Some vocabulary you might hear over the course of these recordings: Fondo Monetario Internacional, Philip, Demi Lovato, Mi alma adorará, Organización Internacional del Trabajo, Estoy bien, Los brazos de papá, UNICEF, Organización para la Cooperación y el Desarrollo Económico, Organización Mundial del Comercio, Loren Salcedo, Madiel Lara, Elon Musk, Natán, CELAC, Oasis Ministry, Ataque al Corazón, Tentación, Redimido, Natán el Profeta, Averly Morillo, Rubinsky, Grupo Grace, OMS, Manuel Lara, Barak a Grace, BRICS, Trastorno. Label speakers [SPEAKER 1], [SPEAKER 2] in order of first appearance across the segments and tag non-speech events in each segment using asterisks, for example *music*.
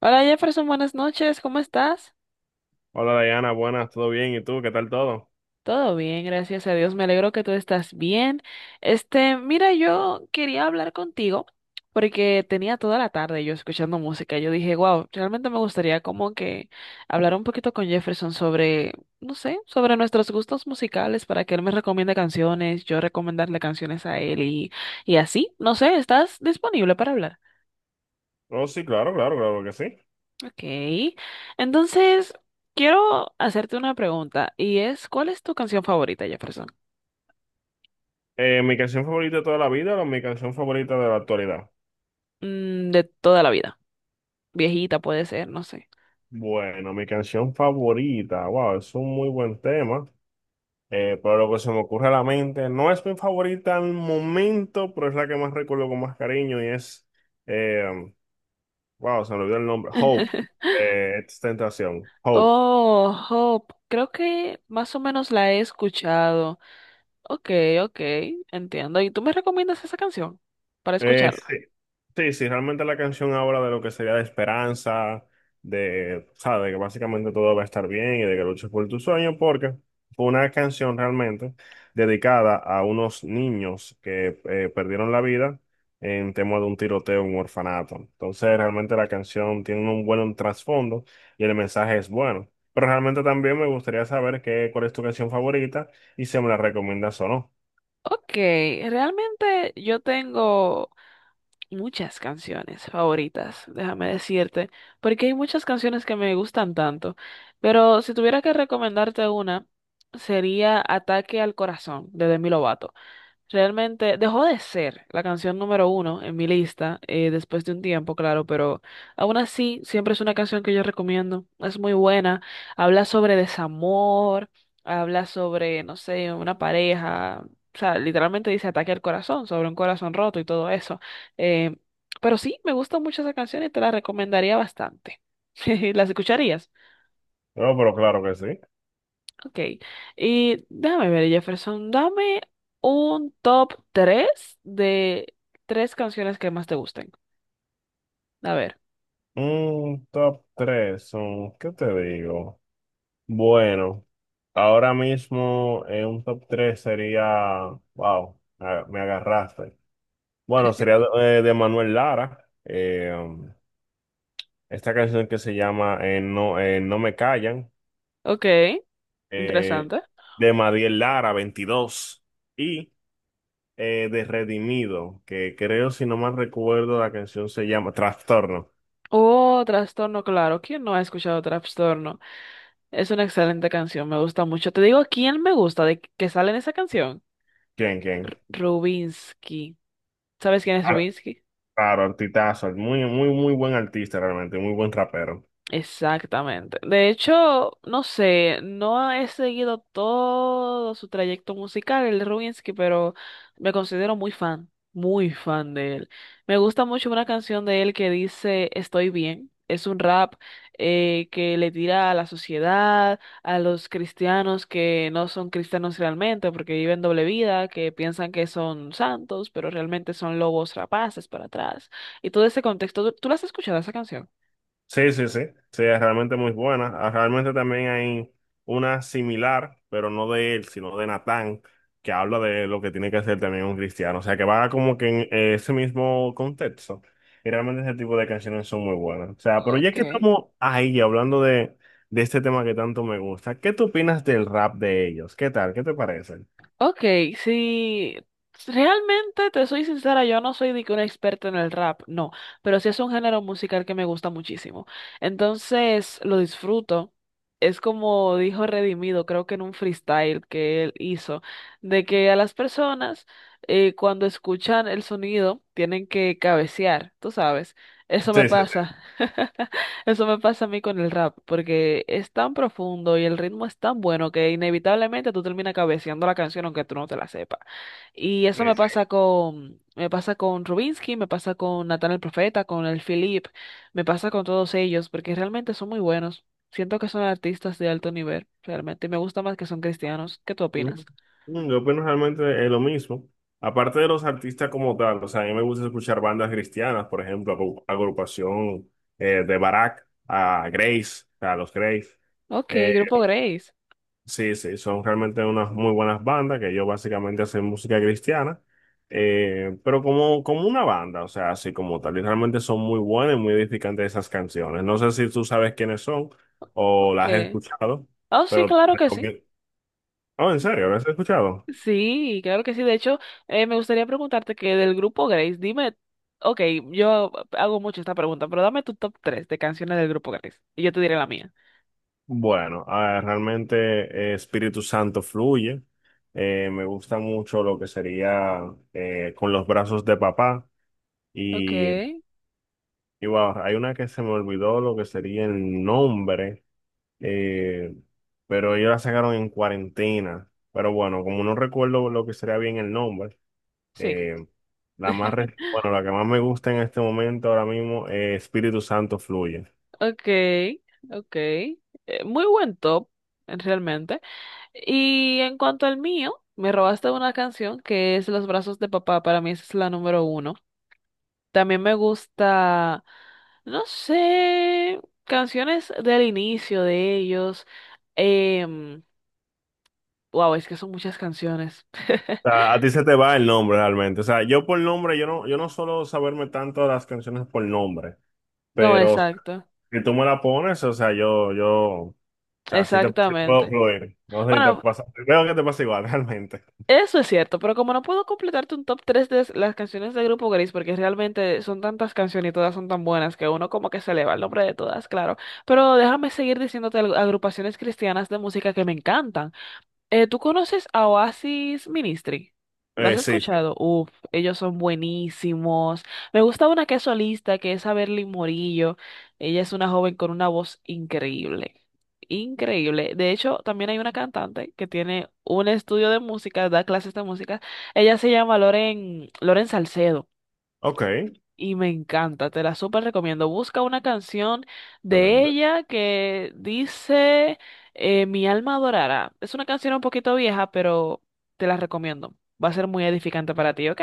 [SPEAKER 1] Hola Jefferson, buenas noches, ¿cómo estás?
[SPEAKER 2] Hola Diana, buenas, ¿todo bien? ¿Y tú? ¿Qué tal todo?
[SPEAKER 1] Todo bien, gracias a Dios, me alegro que tú estás bien. Mira, yo quería hablar contigo porque tenía toda la tarde yo escuchando música. Yo dije, wow, realmente me gustaría como que hablar un poquito con Jefferson sobre, no sé, sobre nuestros gustos musicales para que él me recomiende canciones, yo recomendarle canciones a él y así. No sé, ¿estás disponible para hablar?
[SPEAKER 2] Oh, sí, claro, claro, claro que sí.
[SPEAKER 1] Ok. Entonces, quiero hacerte una pregunta y es, ¿cuál es tu canción favorita, Jefferson?
[SPEAKER 2] ¿Mi canción favorita de toda la vida o mi canción favorita de la actualidad?
[SPEAKER 1] Mm, de toda la vida. Viejita puede ser, no sé.
[SPEAKER 2] Bueno, mi canción favorita, wow, es un muy buen tema, pero lo que se me ocurre a la mente, no es mi favorita al momento, pero es la que más recuerdo con más cariño y es, eh, wow, se me olvidó el nombre, Hope, de Tentación, Hope.
[SPEAKER 1] Oh, Hope. Creo que más o menos la he escuchado. Ok, ok, entiendo. ¿Y tú me recomiendas esa canción para
[SPEAKER 2] Eh,
[SPEAKER 1] escucharla?
[SPEAKER 2] *laughs* Sí, sí, realmente la canción habla de lo que sería de esperanza, de, ¿sabes? De que básicamente todo va a estar bien y de que luches por tu sueño, porque fue una canción realmente dedicada a unos niños que perdieron la vida en tema de un tiroteo en un orfanato. Entonces, realmente la canción tiene un buen trasfondo y el mensaje es bueno. Pero realmente también me gustaría saber qué, cuál es tu canción favorita y si me la recomiendas o no.
[SPEAKER 1] Ok, realmente yo tengo muchas canciones favoritas, déjame decirte, porque hay muchas canciones que me gustan tanto, pero si tuviera que recomendarte una, sería Ataque al Corazón de Demi Lovato. Realmente dejó de ser la canción número uno en mi lista después de un tiempo, claro, pero aún así siempre es una canción que yo recomiendo. Es muy buena, habla sobre desamor, habla sobre, no sé, una pareja, o sea, literalmente dice ataque al corazón, sobre un corazón roto y todo eso. Eh, pero sí, me gusta mucho esa canción y te la recomendaría bastante. *laughs* ¿Las escucharías?
[SPEAKER 2] No, pero claro que sí.
[SPEAKER 1] Ok. Y déjame ver, Jefferson, dame un top 3 de tres canciones que más te gusten. A ver.
[SPEAKER 2] Un top tres son, ¿qué te digo? Bueno, ahora mismo en un top 3 sería, wow, me agarraste. Bueno, sería de, Manuel Lara, esta canción que se llama no, No me callan,
[SPEAKER 1] Ok,
[SPEAKER 2] eh,
[SPEAKER 1] interesante.
[SPEAKER 2] de Madiel Lara, 22, y de Redimido, que creo, si no mal recuerdo, la canción se llama Trastorno.
[SPEAKER 1] Oh, Trastorno, claro. ¿Quién no ha escuchado Trastorno? Es una excelente canción, me gusta mucho. Te digo, ¿quién me gusta de que sale en esa canción?
[SPEAKER 2] ¿Quién, quién?
[SPEAKER 1] Rubinsky. ¿Sabes quién es Rubinsky?
[SPEAKER 2] Claro, artistazo, muy, muy, muy buen artista realmente, muy buen rapero.
[SPEAKER 1] Exactamente. De hecho, no sé, no he seguido todo su trayecto musical, el de Rubinsky, pero me considero muy fan de él. Me gusta mucho una canción de él que dice Estoy bien. Es un rap que le tira a la sociedad, a los cristianos que no son cristianos realmente, porque viven doble vida, que piensan que son santos, pero realmente son lobos rapaces para atrás. Y todo ese contexto, ¿tú la has escuchado esa canción?
[SPEAKER 2] Sí, sí, sí, sí, es realmente muy buena. Ah, realmente también hay una similar, pero no de él, sino de Natán, que habla de lo que tiene que hacer también un cristiano. O sea, que va como que en ese mismo contexto. Y realmente ese tipo de canciones son muy buenas. O sea, pero ya
[SPEAKER 1] Ok.
[SPEAKER 2] que estamos ahí hablando de, este tema que tanto me gusta, ¿qué tú opinas del rap de ellos? ¿Qué tal? ¿Qué te parece?
[SPEAKER 1] Ok, si realmente te soy sincera, yo no soy de que una experta en el rap, no, pero sí es un género musical que me gusta muchísimo. Entonces lo disfruto. Es como dijo Redimido, creo que en un freestyle que él hizo, de que a las personas cuando escuchan el sonido tienen que cabecear, tú sabes, eso me
[SPEAKER 2] Sí, sí,
[SPEAKER 1] pasa. *laughs* Eso me pasa a mí con el rap, porque es tan profundo y el ritmo es tan bueno que inevitablemente tú terminas cabeceando la canción aunque tú no te la sepas. Y
[SPEAKER 2] sí,
[SPEAKER 1] eso
[SPEAKER 2] sí.
[SPEAKER 1] me pasa con Rubinsky, me pasa con Natán el Profeta, con el Philip, me pasa con todos ellos, porque realmente son muy buenos. Siento que son artistas de alto nivel, realmente. Y me gusta más que son cristianos. ¿Qué tú
[SPEAKER 2] Mm,
[SPEAKER 1] opinas?
[SPEAKER 2] Yo opino realmente es lo mismo. Aparte de los artistas como tal, o sea, a mí me gusta escuchar bandas cristianas, por ejemplo, agrupación, de Barak a Grace, a los Grace.
[SPEAKER 1] Ok,
[SPEAKER 2] Eh,
[SPEAKER 1] Grupo Grace.
[SPEAKER 2] sí, sí, son realmente unas muy buenas bandas que ellos básicamente hacen música cristiana, pero como una banda, o sea, así como tal. Y realmente son muy buenas y muy edificantes esas canciones. No sé si tú sabes quiénes son o
[SPEAKER 1] Ok.
[SPEAKER 2] las has escuchado,
[SPEAKER 1] Oh, sí,
[SPEAKER 2] pero
[SPEAKER 1] claro que sí.
[SPEAKER 2] Oh, en serio, ¿las has escuchado?
[SPEAKER 1] Sí, claro que sí. De hecho, me gustaría preguntarte que del grupo Grace, dime, ok, yo hago mucho esta pregunta, pero dame tu top 3 de canciones del grupo Grace y yo te diré la mía.
[SPEAKER 2] Bueno, ah, realmente, Espíritu Santo fluye. Me gusta mucho lo que sería con los brazos de papá.
[SPEAKER 1] Ok,
[SPEAKER 2] Y, y wow, hay una que se me olvidó lo que sería el nombre, eh, pero ellos la sacaron en cuarentena. Pero bueno, como no recuerdo lo que sería bien el nombre,
[SPEAKER 1] sí,
[SPEAKER 2] eh, la más, bueno, la que más me gusta en este momento ahora mismo es Espíritu Santo fluye.
[SPEAKER 1] ok, ok. Muy buen top, realmente. Y en cuanto al mío, me robaste una canción que es Los brazos de papá, para mí esa es la número uno. También me gusta, no sé, canciones del inicio de ellos. em, Wow, es que son muchas canciones. *laughs*
[SPEAKER 2] Sea, a ti se te va el nombre realmente. O sea, yo por nombre, yo no suelo saberme tanto las canciones por nombre,
[SPEAKER 1] No,
[SPEAKER 2] pero
[SPEAKER 1] exacto.
[SPEAKER 2] si tú me la pones, o sea, yo, o sea, sí te sí puedo
[SPEAKER 1] Exactamente.
[SPEAKER 2] fluir. No sé si te
[SPEAKER 1] Bueno,
[SPEAKER 2] pasa, creo que te pasa igual *laughs* realmente.
[SPEAKER 1] eso es cierto, pero como no puedo completarte un top 3 de las canciones del grupo Gris, porque realmente son tantas canciones y todas son tan buenas que uno como que se eleva el nombre de todas, claro. Pero déjame seguir diciéndote agrupaciones cristianas de música que me encantan. ¿Tú conoces a Oasis Ministry? ¿Lo has
[SPEAKER 2] Sí, sí.
[SPEAKER 1] escuchado? Uf, ellos son buenísimos. Me gusta una que es solista, que es Averly Morillo. Ella es una joven con una voz increíble. Increíble. De hecho, también hay una cantante que tiene un estudio de música, da clases de música. Ella se llama Loren Salcedo
[SPEAKER 2] Ok,
[SPEAKER 1] y me encanta, te la súper recomiendo. Busca una canción de
[SPEAKER 2] excelente.
[SPEAKER 1] ella que dice Mi alma adorará. Es una canción un poquito vieja, pero te la recomiendo. Va a ser muy edificante para ti, ¿ok?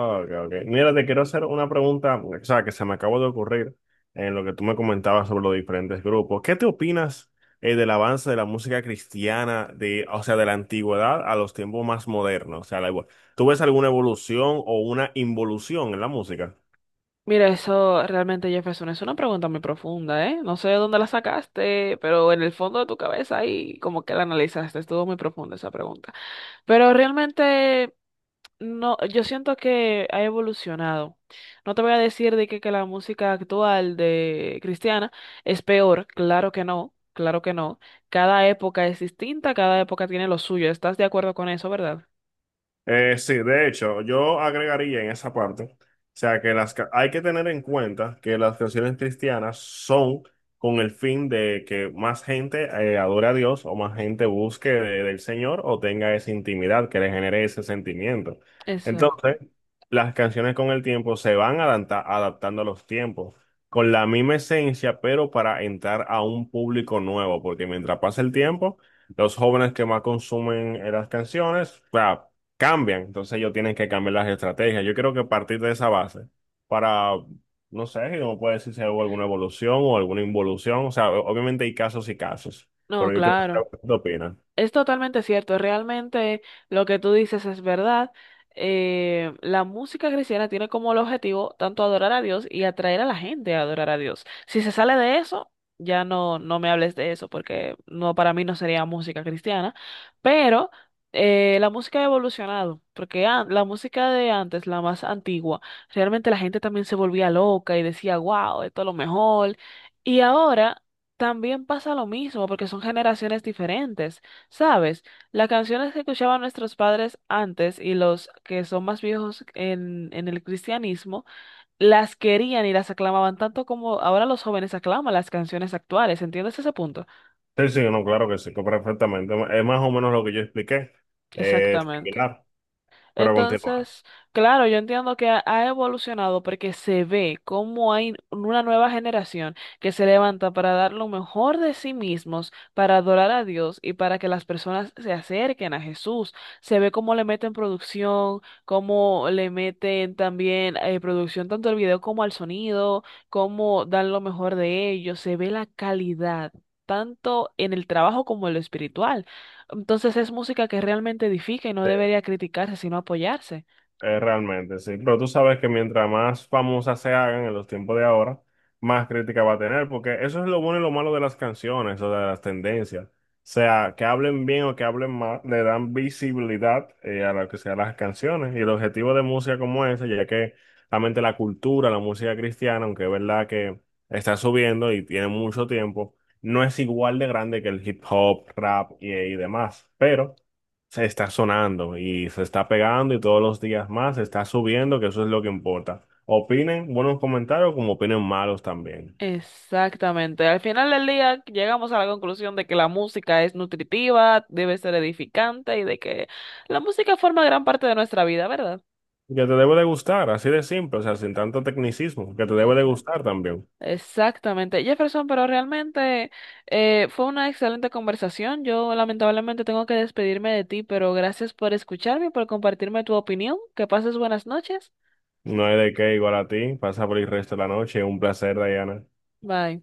[SPEAKER 2] Ok, ok. Mira, te quiero hacer una pregunta, o sea, que se me acabó de ocurrir en lo que tú me comentabas sobre los diferentes grupos. ¿Qué te opinas, del avance de la música cristiana, de, o sea, de la antigüedad a los tiempos más modernos? O sea, la, ¿tú ves alguna evolución o una involución en la música?
[SPEAKER 1] Mira, eso realmente, Jefferson, es una pregunta muy profunda, ¿eh? No sé de dónde la sacaste, pero en el fondo de tu cabeza ahí como que la analizaste. Estuvo muy profunda esa pregunta. Pero realmente... No, yo siento que ha evolucionado. No te voy a decir de que la música actual de cristiana es peor, claro que no, claro que no. Cada época es distinta, cada época tiene lo suyo. ¿Estás de acuerdo con eso, verdad?
[SPEAKER 2] Sí, de hecho, yo agregaría en esa parte, o sea, que hay que tener en cuenta que las canciones cristianas son con el fin de que más gente adore a Dios o más gente busque del Señor o tenga esa intimidad que le genere ese sentimiento. Entonces,
[SPEAKER 1] Exacto.
[SPEAKER 2] las canciones con el tiempo se van adaptando a los tiempos, con la misma esencia, pero para entrar a un público nuevo, porque mientras pasa el tiempo, los jóvenes que más consumen las canciones, o sea, cambian. Entonces ellos tienen que cambiar las estrategias. Yo creo que partir de esa base para, no sé, no puede decir si hubo alguna evolución o alguna involución. O sea, obviamente hay casos y casos,
[SPEAKER 1] No,
[SPEAKER 2] pero yo creo que,
[SPEAKER 1] claro.
[SPEAKER 2] ¿qué opinan?
[SPEAKER 1] Es totalmente cierto, realmente lo que tú dices es verdad. La música cristiana tiene como el objetivo tanto adorar a Dios y atraer a la gente a adorar a Dios. Si se sale de eso, ya no, no me hables de eso porque no, para mí no sería música cristiana, pero la música ha evolucionado, porque la música de antes, la más antigua, realmente la gente también se volvía loca y decía, wow, esto es lo mejor. Y ahora... También pasa lo mismo porque son generaciones diferentes. Sabes, las canciones que escuchaban nuestros padres antes y los que son más viejos en el cristianismo, las querían y las aclamaban tanto como ahora los jóvenes aclaman las canciones actuales. ¿Entiendes ese punto?
[SPEAKER 2] Sí, sí, no, claro que sí, que perfectamente. Es más o menos lo que yo expliqué,
[SPEAKER 1] Exactamente.
[SPEAKER 2] similar, pero a continuar.
[SPEAKER 1] Entonces, claro, yo entiendo que ha evolucionado porque se ve cómo hay una nueva generación que se levanta para dar lo mejor de sí mismos, para adorar a Dios y para que las personas se acerquen a Jesús. Se ve cómo le meten producción, cómo le meten también producción tanto al video como al sonido, cómo dan lo mejor de ellos. Se ve la calidad, tanto en el trabajo como en lo espiritual. Entonces es música que realmente edifica y no
[SPEAKER 2] Sí.
[SPEAKER 1] debería criticarse, sino apoyarse.
[SPEAKER 2] Realmente, sí. Pero tú sabes que mientras más famosas se hagan en los tiempos de ahora, más crítica va a tener, porque eso es lo bueno y lo malo de las canciones o de las tendencias. O sea, que hablen bien o que hablen mal, le dan visibilidad, a lo que sean las canciones. Y el objetivo de música como esa, ya que realmente la cultura, la música cristiana, aunque es verdad que está subiendo y tiene mucho tiempo, no es igual de grande que el hip hop, rap y demás. Pero se está sonando y se está pegando y todos los días más se está subiendo, que eso es lo que importa. Opinen buenos comentarios como opinen malos también.
[SPEAKER 1] Exactamente. Al final del día llegamos a la conclusión de que la música es nutritiva, debe ser edificante y de que la música forma gran parte de nuestra vida, ¿verdad?
[SPEAKER 2] Que te debe de gustar, así de simple, o sea, sin tanto tecnicismo, que te debe de
[SPEAKER 1] Exacto.
[SPEAKER 2] gustar también.
[SPEAKER 1] Exactamente. Jefferson, pero realmente fue una excelente conversación. Yo lamentablemente tengo que despedirme de ti, pero gracias por escucharme y por compartirme tu opinión. Que pases buenas noches.
[SPEAKER 2] No hay de qué, igual a ti, pasa por el resto de la noche, un placer, Diana.
[SPEAKER 1] Bye.